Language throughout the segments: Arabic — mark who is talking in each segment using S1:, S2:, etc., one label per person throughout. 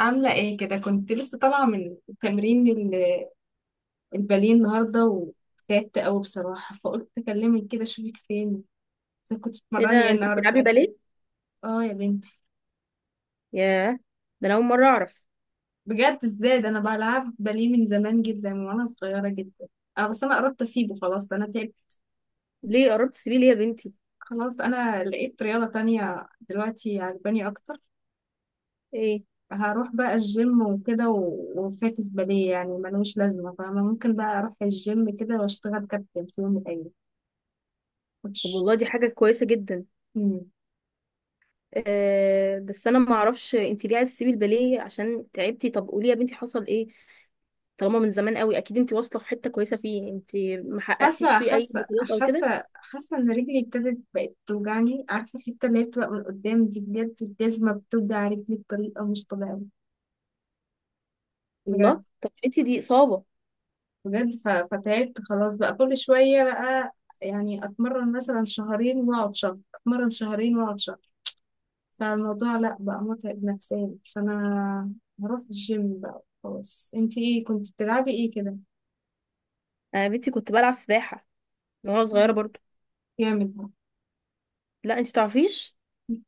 S1: عاملة ايه كده، كنت لسه طالعة من تمرين الباليه النهاردة وتعبت قوي بصراحة، فقلت اكلمك كده اشوفك فين إذا كنت
S2: ايه
S1: بتمرني
S2: ده؟
S1: ايه
S2: انتي بتلعبي
S1: النهاردة.
S2: باليه؟
S1: اه يا بنتي.
S2: ياه! ده انا اول مره اعرف.
S1: بجد؟ ازاي؟ ده انا بلعب باليه من زمان جدا، من وانا صغيرة جدا. اه بس انا قربت اسيبه خلاص، انا تعبت.
S2: ليه قررت تسيبيه ليه يا بنتي؟
S1: خلاص، انا لقيت رياضة تانية دلوقتي عجباني اكتر.
S2: ايه؟
S1: هروح بقى الجيم وكده، وفاكس باليه يعني ملوش لازمة، فاهمة؟ ممكن بقى اروح الجيم كده واشتغل كابتن في يوم من الايام،
S2: طب،
S1: كوتش.
S2: والله دي حاجه كويسه جدا. أه، بس انا ما اعرفش انتي ليه عايزه تسيبي الباليه عشان تعبتي. طب قولي يا بنتي حصل ايه؟ طالما من زمان قوي اكيد انتي واصله في حته كويسه، فيه انتي ما
S1: حاسه
S2: حققتيش فيه اي
S1: حاسه
S2: بطولات او كده؟
S1: حاسه حاسه ان رجلي ابتدت بقت توجعني، عارفه الحته اللي هي بتبقى من قدام دي؟ بجد الجزمه بتوجع رجلي بطريقه مش طبيعيه،
S2: الله!
S1: بجد.
S2: طب انتي دي اصابه؟
S1: فتعبت خلاص بقى، كل شويه بقى يعني اتمرن مثلا شهرين واقعد شهر، اتمرن شهرين واقعد شهر. فالموضوع لا بقى متعب نفسيا، فانا هروح الجيم بقى خلاص. انتي ايه كنت بتلعبي ايه كده؟
S2: انا يا بنتي كنت بلعب سباحه، من وانا صغيره برضو.
S1: جامد.
S2: لا، انتي بتعرفيش؟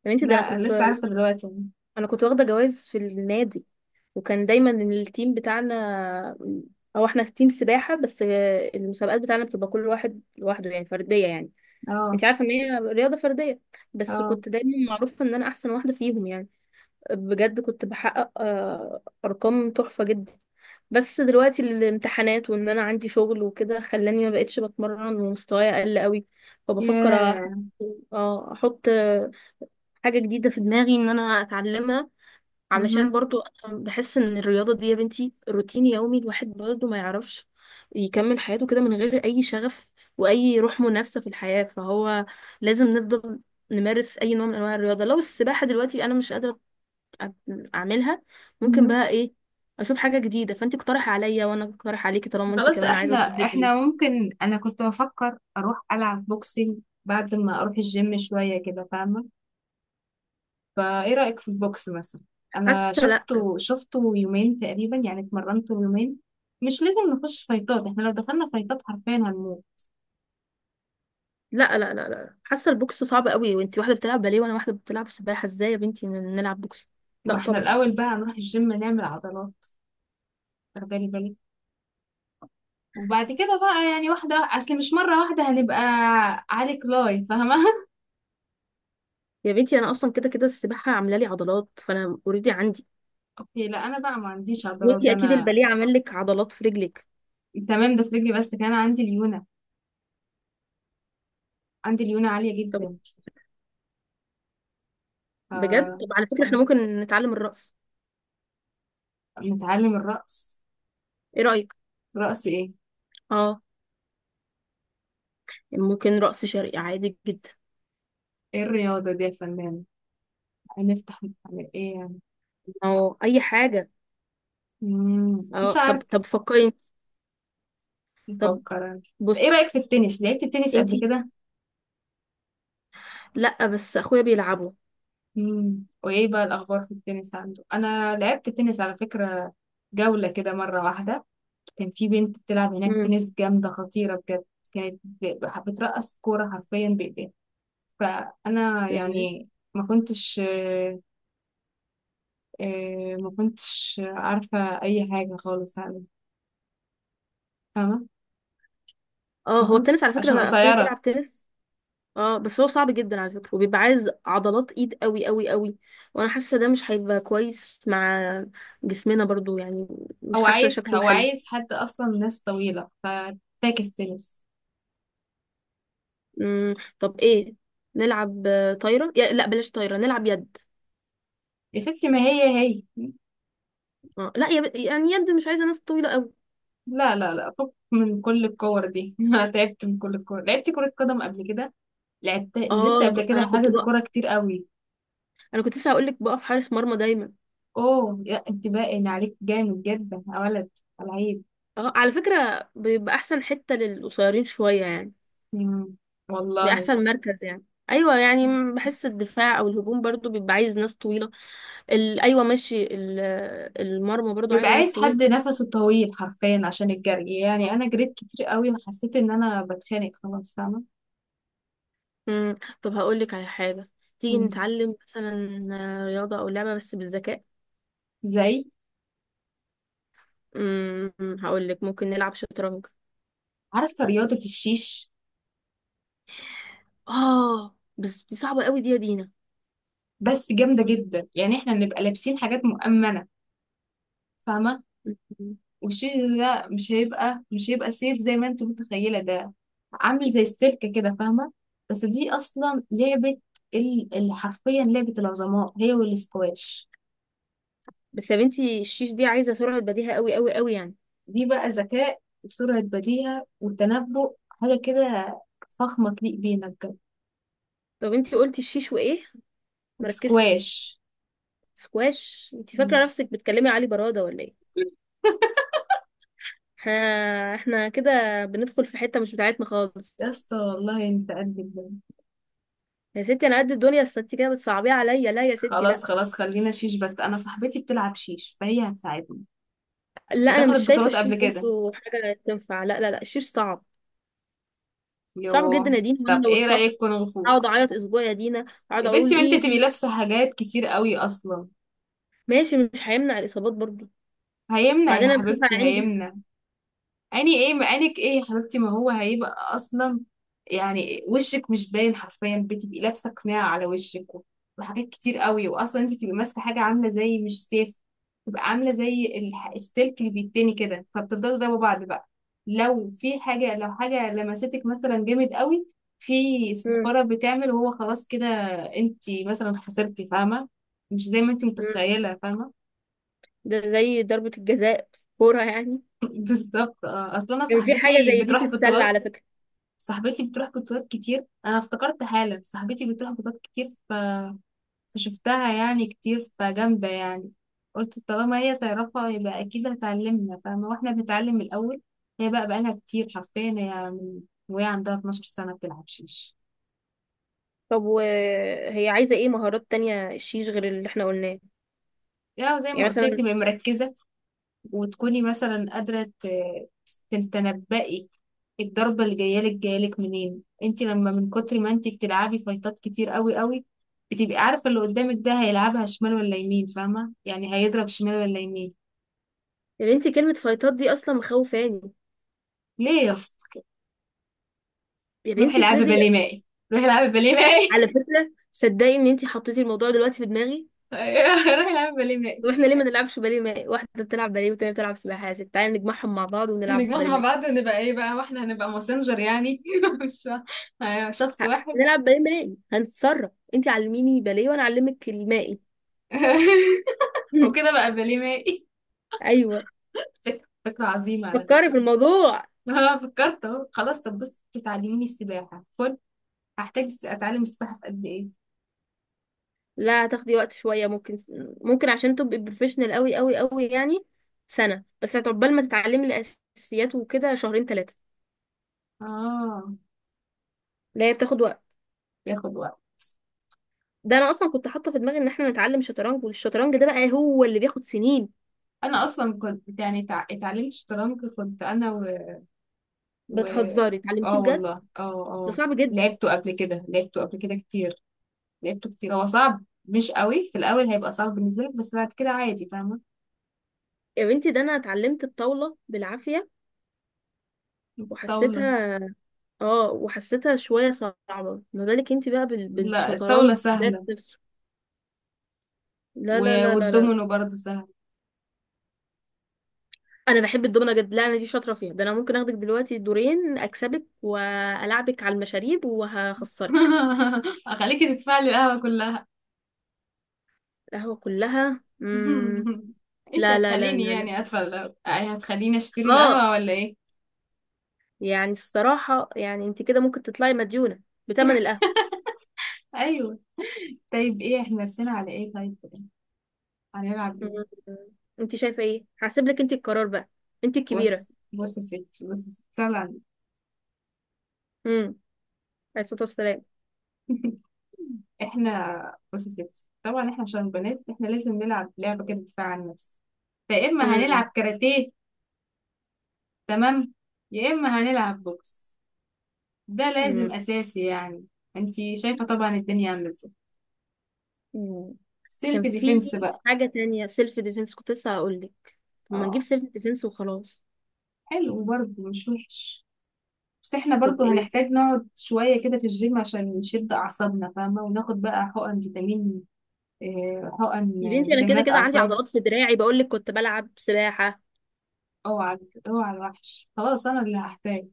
S2: يا بنتي ده انا
S1: لا لسه
S2: كنت
S1: عارفه دلوقتي.
S2: انا كنت واخده جوائز في النادي، وكان دايما التيم بتاعنا، او احنا في تيم سباحه بس. المسابقات بتاعنا بتبقى كل واحد لوحده، يعني فرديه يعني.
S1: اه
S2: انت عارفه ان هي رياضه فرديه. بس
S1: اه.
S2: كنت دايما معروفه ان انا احسن واحده فيهم يعني. بجد كنت بحقق ارقام تحفه جدا. بس دلوقتي الامتحانات وان انا عندي شغل وكده خلاني ما بقتش بتمرن ومستواي اقل قوي. فبفكر
S1: ياه.
S2: احط حاجه جديده في دماغي ان انا اتعلمها، علشان
S1: مهم.
S2: برضو أنا بحس ان الرياضة دي يا بنتي روتين يومي. الواحد برضو ما يعرفش يكمل حياته كده من غير اي شغف واي روح منافسة في الحياة، فهو لازم نفضل نمارس اي نوع من انواع الرياضة. لو السباحة دلوقتي انا مش قادرة أ- اعملها، ممكن بقى ايه؟ اشوف حاجة جديدة. فانت اقترحي عليا وانا اقترح عليكي طالما انت
S1: خلاص
S2: كمان
S1: احنا
S2: عايزة تبدلي
S1: احنا
S2: باليه.
S1: ممكن، انا كنت بفكر اروح العب بوكسينج بعد ما اروح الجيم شوية كده، فاهمة؟ فايه رأيك في البوكس مثلا؟ انا
S2: حاسة؟ لا
S1: شفته يومين تقريبا، يعني اتمرنته يومين. مش لازم نخش فايتات، احنا لو دخلنا فايتات حرفيا هنموت.
S2: لا لا لا لا، حاسة البوكس صعب قوي. وانت واحدة بتلعب باليه وانا واحدة بتلعب سباحة، ازاي يا بنتي نلعب بوكس؟
S1: ما
S2: لا
S1: احنا
S2: طبعا.
S1: الاول بقى نروح الجيم نعمل عضلات، واخدالي بالك؟ وبعد كده بقى يعني واحدة، اصل مش مرة واحدة هنبقى عليك لاي، فاهمة؟
S2: يا بنتي انا اصلا كده كده السباحه عامله لي عضلات، فانا اوريدي عندي.
S1: اوكي، لا انا بقى ما عنديش عضلات
S2: وانتي اكيد
S1: انا.
S2: الباليه عامل لك عضلات في رجلك.
S1: تمام، ده في رجلي بس كان عندي ليونة، عندي ليونة عالية
S2: طب،
S1: جدا. ف
S2: بجد
S1: آه،
S2: طب على فكره احنا ممكن نتعلم الرقص.
S1: نتعلم الرقص.
S2: ايه رايك؟
S1: رقص ايه؟
S2: اه، ممكن رقص شرقي عادي جدا.
S1: ايه الرياضة دي يا فنان؟ هنفتح نتعلم ايه يعني؟
S2: اه، اي حاجه. اه،
S1: مش
S2: طب
S1: عارف.
S2: طب فكري انت. طب
S1: بفكر أنا. طب ايه رأيك
S2: بصي.
S1: في التنس؟
S2: بصي
S1: لعبت التنس قبل
S2: انتي.
S1: كده؟
S2: لا، بس اخويا بيلعبوا.
S1: وايه بقى الأخبار في التنس عنده؟ انا لعبت تنس على فكرة، جولة كده مرة واحدة. كان في بنت بتلعب هناك
S2: امم.
S1: تنس جامدة خطيرة بجد، كانت ب- بترقص كورة حرفيا بإيديها. فأنا
S2: يعني،
S1: يعني ما كنتش، إيه، ما كنتش عارفة أي حاجة خالص عنه، فاهمة؟
S2: اه
S1: ما
S2: هو
S1: كنت
S2: التنس على
S1: عشان
S2: فكره اخويا
S1: قصيرة.
S2: بيلعب تنس. اه، بس هو صعب جدا على فكرة، وبيبقى عايز عضلات ايد قوي قوي قوي. وانا حاسة ده مش هيبقى كويس مع جسمنا برضو يعني. مش
S1: أو
S2: حاسة
S1: عايز
S2: شكله
S1: أو
S2: حلو.
S1: عايز حد أصلا ناس طويلة، ففاكس تنس.
S2: مم. طب ايه؟ نلعب طايرة، يا لا بلاش طايرة نلعب يد.
S1: يا ستي ما هي هي.
S2: آه. لا، يعني يد مش عايزة ناس طويلة قوي.
S1: لا لا لا، فك من كل الكور دي. أنا تعبت من كل الكور، لعبت كرة قدم قبل كده، لعبت
S2: اه،
S1: نزلت قبل كده
S2: انا كنت
S1: حجز
S2: بقى،
S1: كورة كتير قوي.
S2: انا كنت لسه هقول لك بقف حارس مرمى دايما.
S1: أوه لا، أنت باين عليك جامد جدا يا ولد، لعيب.
S2: اه، على فكرة بيبقى احسن حتة للقصيرين شوية يعني.
S1: مم،
S2: بيبقى
S1: والله.
S2: احسن مركز يعني. ايوه يعني، بحس الدفاع او الهجوم برضو بيبقى عايز ناس طويلة. ايوه ماشي. المرمى برضو
S1: بيبقى
S2: عايزه ناس
S1: عايز
S2: طويله.
S1: حد نفسه طويل حرفيا عشان الجري، يعني انا جريت كتير قوي وحسيت ان انا بتخانق خلاص، فاهمه؟
S2: امم. طب هقول لك على حاجه. تيجي
S1: مم.
S2: نتعلم مثلا رياضه او لعبه بس بالذكاء.
S1: زي.
S2: امم. هقول لك، ممكن نلعب شطرنج.
S1: عارفه رياضه الشيش؟
S2: اه، بس دي صعبه قوي دي يا دينا.
S1: بس جامده جدا، يعني احنا نبقى لابسين حاجات مؤمنه، فاهمه؟
S2: مم.
S1: والشيش ده مش هيبقى سيف زي ما انت متخيله، ده عامل زي السلك كده، فاهمه؟ بس دي اصلا لعبه، اللي حرفيا لعبه العظماء، هي والسكواش.
S2: بس يا بنتي الشيش دي عايزه سرعه بديهه قوي قوي قوي يعني.
S1: دي بقى ذكاء وسرعة بديهة وتنبؤ حاجة كده، فخمة تليق بينا بجد.
S2: طب انتي قلتي الشيش وايه؟
S1: سكواش.
S2: مركزتش. سكواش؟ انتي فاكره
S1: مم.
S2: نفسك بتكلمي علي براده ولا ايه؟ احنا احنا كده بندخل في حته مش بتاعتنا
S1: يا
S2: خالص.
S1: اسطى والله انت قد الدنيا.
S2: يا ستي انا قد الدنيا، بس انت كده بتصعبيها عليا. لا يا ستي لا.
S1: خلاص خلاص، خلينا شيش، بس انا صاحبتي بتلعب شيش فهي هتساعدني
S2: لا، انا
S1: ودخلت
S2: مش شايفه
S1: بطولات
S2: الشيش
S1: قبل كده.
S2: برضه حاجه تنفع. لا لا لا، الشيش صعب. صعب جدا
S1: يوه.
S2: يا دينا، وانا
S1: طب
S2: لو
S1: ايه
S2: اتصبت
S1: رأيك كونغ فو؟
S2: اقعد اعيط اسبوع يا دينا، اقعد
S1: يا
S2: اقول
S1: بنتي ما انت
S2: ايه
S1: تبقي
S2: دي.
S1: لابسة حاجات كتير قوي اصلا.
S2: ماشي، مش هيمنع الاصابات برضه.
S1: هيمنع يا
S2: بعدين انا بخاف على
S1: حبيبتي،
S2: عيني جدا.
S1: هيمنع. اني ايه، مقالك ايه يا حبيبتي؟ ما هو هيبقى اصلا يعني وشك مش باين حرفيا، بتبقي لابسه قناع على وشك، وحاجات كتير قوي، واصلا انت بتبقي ماسكه حاجه عامله زي، مش سيف، بتبقى عامله زي السلك اللي بيتني كده، فبتفضلوا تضربوا بعض بقى. لو في حاجه، لو حاجه لمستك مثلا جامد قوي في،
S2: مم.
S1: الصفاره بتعمل وهو خلاص كده. انت مثلا خسرتي، فاهمه؟ مش زي ما انت
S2: مم.
S1: متخيله، فاهمه؟
S2: ده زي ضربه الجزاء في الكوره يعني.
S1: بالظبط. اه، اصل انا
S2: كان في حاجه
S1: صاحبتي
S2: زي دي
S1: بتروح
S2: في السله
S1: بطولات،
S2: على فكره.
S1: صاحبتي بتروح بطولات كتير، انا افتكرت حالا صاحبتي بتروح بطولات كتير، فشفتها يعني كتير، فجامدة يعني. قلت طالما هي تعرفها يبقى اكيد هتعلمنا، فاهمة؟ واحنا بنتعلم الاول. هي بقى بقالها كتير حرفيا، هي من وهي عندها 12 سنة بتلعب شيش.
S2: طب وهي عايزه ايه مهارات تانية الشيش غير اللي احنا قلناه؟
S1: يعني زي ما
S2: يعني
S1: قلت لك،
S2: مثلا؟
S1: تبقى مركزة وتكوني مثلا قادرة تتنبئي الضربة اللي جاية لك، جاية لك منين. انت لما من كتر ما انت بتلعبي فايتات كتير قوي قوي، بتبقي عارفة اللي قدامك ده هيلعبها شمال ولا يمين، فاهمة؟ يعني هيضرب شمال ولا يمين.
S2: يا بنتي كلمه فايتات دي اصلا مخوفاني.
S1: ليه يا اسطى؟
S2: يا
S1: روحي
S2: بنتي
S1: العبي
S2: افرضي.
S1: باليه مائي. روحي العبي باليه مائي.
S2: على فكرة صدقي ان انتي حطيتي الموضوع دلوقتي في دماغي.
S1: أيوة، روحي العبي باليه مائي.
S2: واحنا ليه ما نلعبش باليه مائي؟ واحدة بتلعب باليه والتانية بتلعب سباحة، يا ست تعالي نجمعهم مع بعض ونلعب
S1: نجمع
S2: باليه
S1: مع
S2: مائي.
S1: بعض، نبقى ايه بقى؟ واحنا هنبقى ماسنجر يعني؟ مش فا- أيوة، شخص واحد.
S2: هنلعب باليه مائي، هنتصرف. انتي علميني باليه وانا اعلمك المائي.
S1: وكده بقى باليه مائي.
S2: ايوه،
S1: فكرة، فكرة عظيمة على
S2: فكري
S1: فكرة.
S2: في الموضوع.
S1: اه فكرت اهو، خلاص. طب بص تعلميني السباحة. فل، هحتاج اتعلم السباحة في قد ايه؟
S2: لا، هتاخدي وقت شوية. ممكن، ممكن عشان تبقي بروفيشنال قوي قوي قوي يعني سنة. بس هتقبل ما تتعلمي الاساسيات وكده شهرين 3.
S1: اه،
S2: لا، هي بتاخد وقت.
S1: ياخد وقت.
S2: ده انا اصلا كنت حاطه في دماغي ان احنا نتعلم شطرنج، والشطرنج ده بقى هو اللي بياخد سنين.
S1: انا اصلا كنت يعني اتعلمت شطرنج، كنت انا و...
S2: بتهزري؟ اتعلمتيه
S1: اه
S2: بجد؟
S1: والله، اه
S2: ده
S1: اه.
S2: صعب جدا.
S1: لعبته قبل كده، لعبته قبل كده كتير، لعبته كتير. هو صعب مش قوي، في الاول هيبقى صعب بالنسبة لك بس بعد كده عادي، فاهمة؟
S2: يا بنتي ده انا اتعلمت الطاولة بالعافية
S1: الطاولة.
S2: وحسيتها. اه، وحسيتها شوية صعبة، ما بالك انت بقى
S1: لا، الطاولة
S2: بالشطرنج ذات
S1: سهلة،
S2: نفسه. لا
S1: و...
S2: لا لا لا لا.
S1: والدومينو برضه سهل.
S2: انا بحب الدومنة جد. لا، انا دي شاطرة فيها. ده انا ممكن اخدك دلوقتي دورين اكسبك، والعبك على المشاريب وهخسرك.
S1: اخليكي تدفعي لي القهوة كلها.
S2: القهوة كلها؟
S1: انت
S2: لا لا لا
S1: هتخليني
S2: لا لا.
S1: يعني ادخل، هتخليني اشتري
S2: اه،
S1: القهوة ولا ايه؟
S2: يعني الصراحة يعني انت كده ممكن تطلعي مديونة بتمن القهوة.
S1: ايوه. طيب ايه، احنا رسينا على ايه طيب؟ هنلعب ايه؟
S2: مم. انت شايفه ايه؟ هسيب لك انت القرار بقى، انت الكبيره.
S1: بص بص يا ستي، بص يا ستي، سلام عليك.
S2: امم. عليه الصلاه والسلام.
S1: احنا بص يا ستي طبعا احنا عشان بنات، احنا لازم نلعب لعبة كده دفاع عن النفس. فيا اما
S2: امم.
S1: هنلعب كاراتيه، تمام، يا اما هنلعب بوكس، ده لازم
S2: امم.
S1: اساسي يعني. انتي شايفة طبعا الدنيا عاملة ازاي.
S2: أمم.
S1: سيلف
S2: كان في
S1: ديفense بقى.
S2: حاجه تانية، سيلف ديفense كنت لسه هقول لك. طب ما نجيب
S1: اه،
S2: سيلف ديفenس وخلاص.
S1: حلو برضه مش وحش. بس احنا
S2: طب
S1: برضو
S2: ايه؟
S1: هنحتاج نقعد شوية كده في الجيم عشان نشد أعصابنا، فاهمة؟ وناخد بقى حقن فيتامين، حقن
S2: يا بنتي انا كده
S1: فيتامينات
S2: كده عندي
S1: أعصاب.
S2: عضلات في دراعي، بقول لك كنت بلعب سباحه.
S1: اوعى، اوعى الوحش، خلاص أنا اللي هحتاج.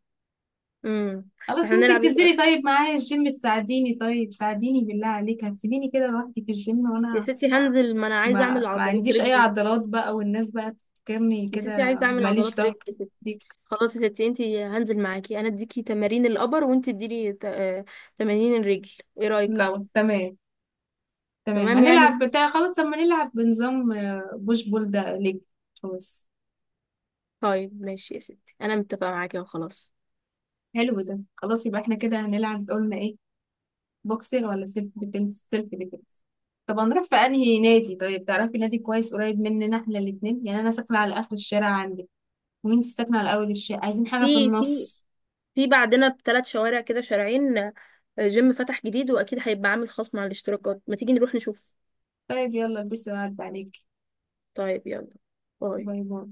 S2: امم.
S1: خلاص،
S2: احنا
S1: ممكن
S2: نلعب ايه بقى؟
S1: تنزلي طيب معايا الجيم تساعديني؟ طيب ساعديني بالله عليك، هتسيبيني كده لوحدي في الجيم
S2: يا
S1: وأنا
S2: ستي هنزل، ما انا عايزه
S1: ما,
S2: اعمل
S1: ما
S2: عضلات
S1: عنديش أي
S2: رجلي
S1: عضلات بقى، والناس بقى تفكرني
S2: يا ستي،
S1: كده
S2: عايزه اعمل
S1: ماليش
S2: عضلات رجلي
S1: ضغط.
S2: يا ستي.
S1: ديك.
S2: خلاص يا ستي، انت هنزل معاكي انا اديكي تمارين الابر، وانت اديني تمارين الرجل. ايه رايك؟
S1: لو تمام، تمام،
S2: تمام يعني.
S1: هنلعب بتاع، خلاص. طب ما نلعب بنظام بوش بول ده ليج. خلاص،
S2: طيب ماشي يا ستي، انا متفقه معاكي وخلاص.
S1: حلو ده. خلاص يبقى احنا كده هنلعب، قلنا ايه؟ بوكسر ولا سيلف ديفنس؟ سيلف ديفنس. طب هنروح في انهي نادي طيب؟ تعرفي نادي كويس قريب مننا احنا الاتنين؟ يعني انا ساكنه على اخر الشارع عندك، وانتي ساكنه على اول الشارع، عايزين حاجه في
S2: في في
S1: النص.
S2: في بعدنا ب3 شوارع كده، شارعين، جيم فتح جديد واكيد هيبقى عامل خصم على الاشتراكات، ما تيجي نروح نشوف.
S1: طيب يلا البسي وعد عليك.
S2: طيب يلا. باي.
S1: باي باي.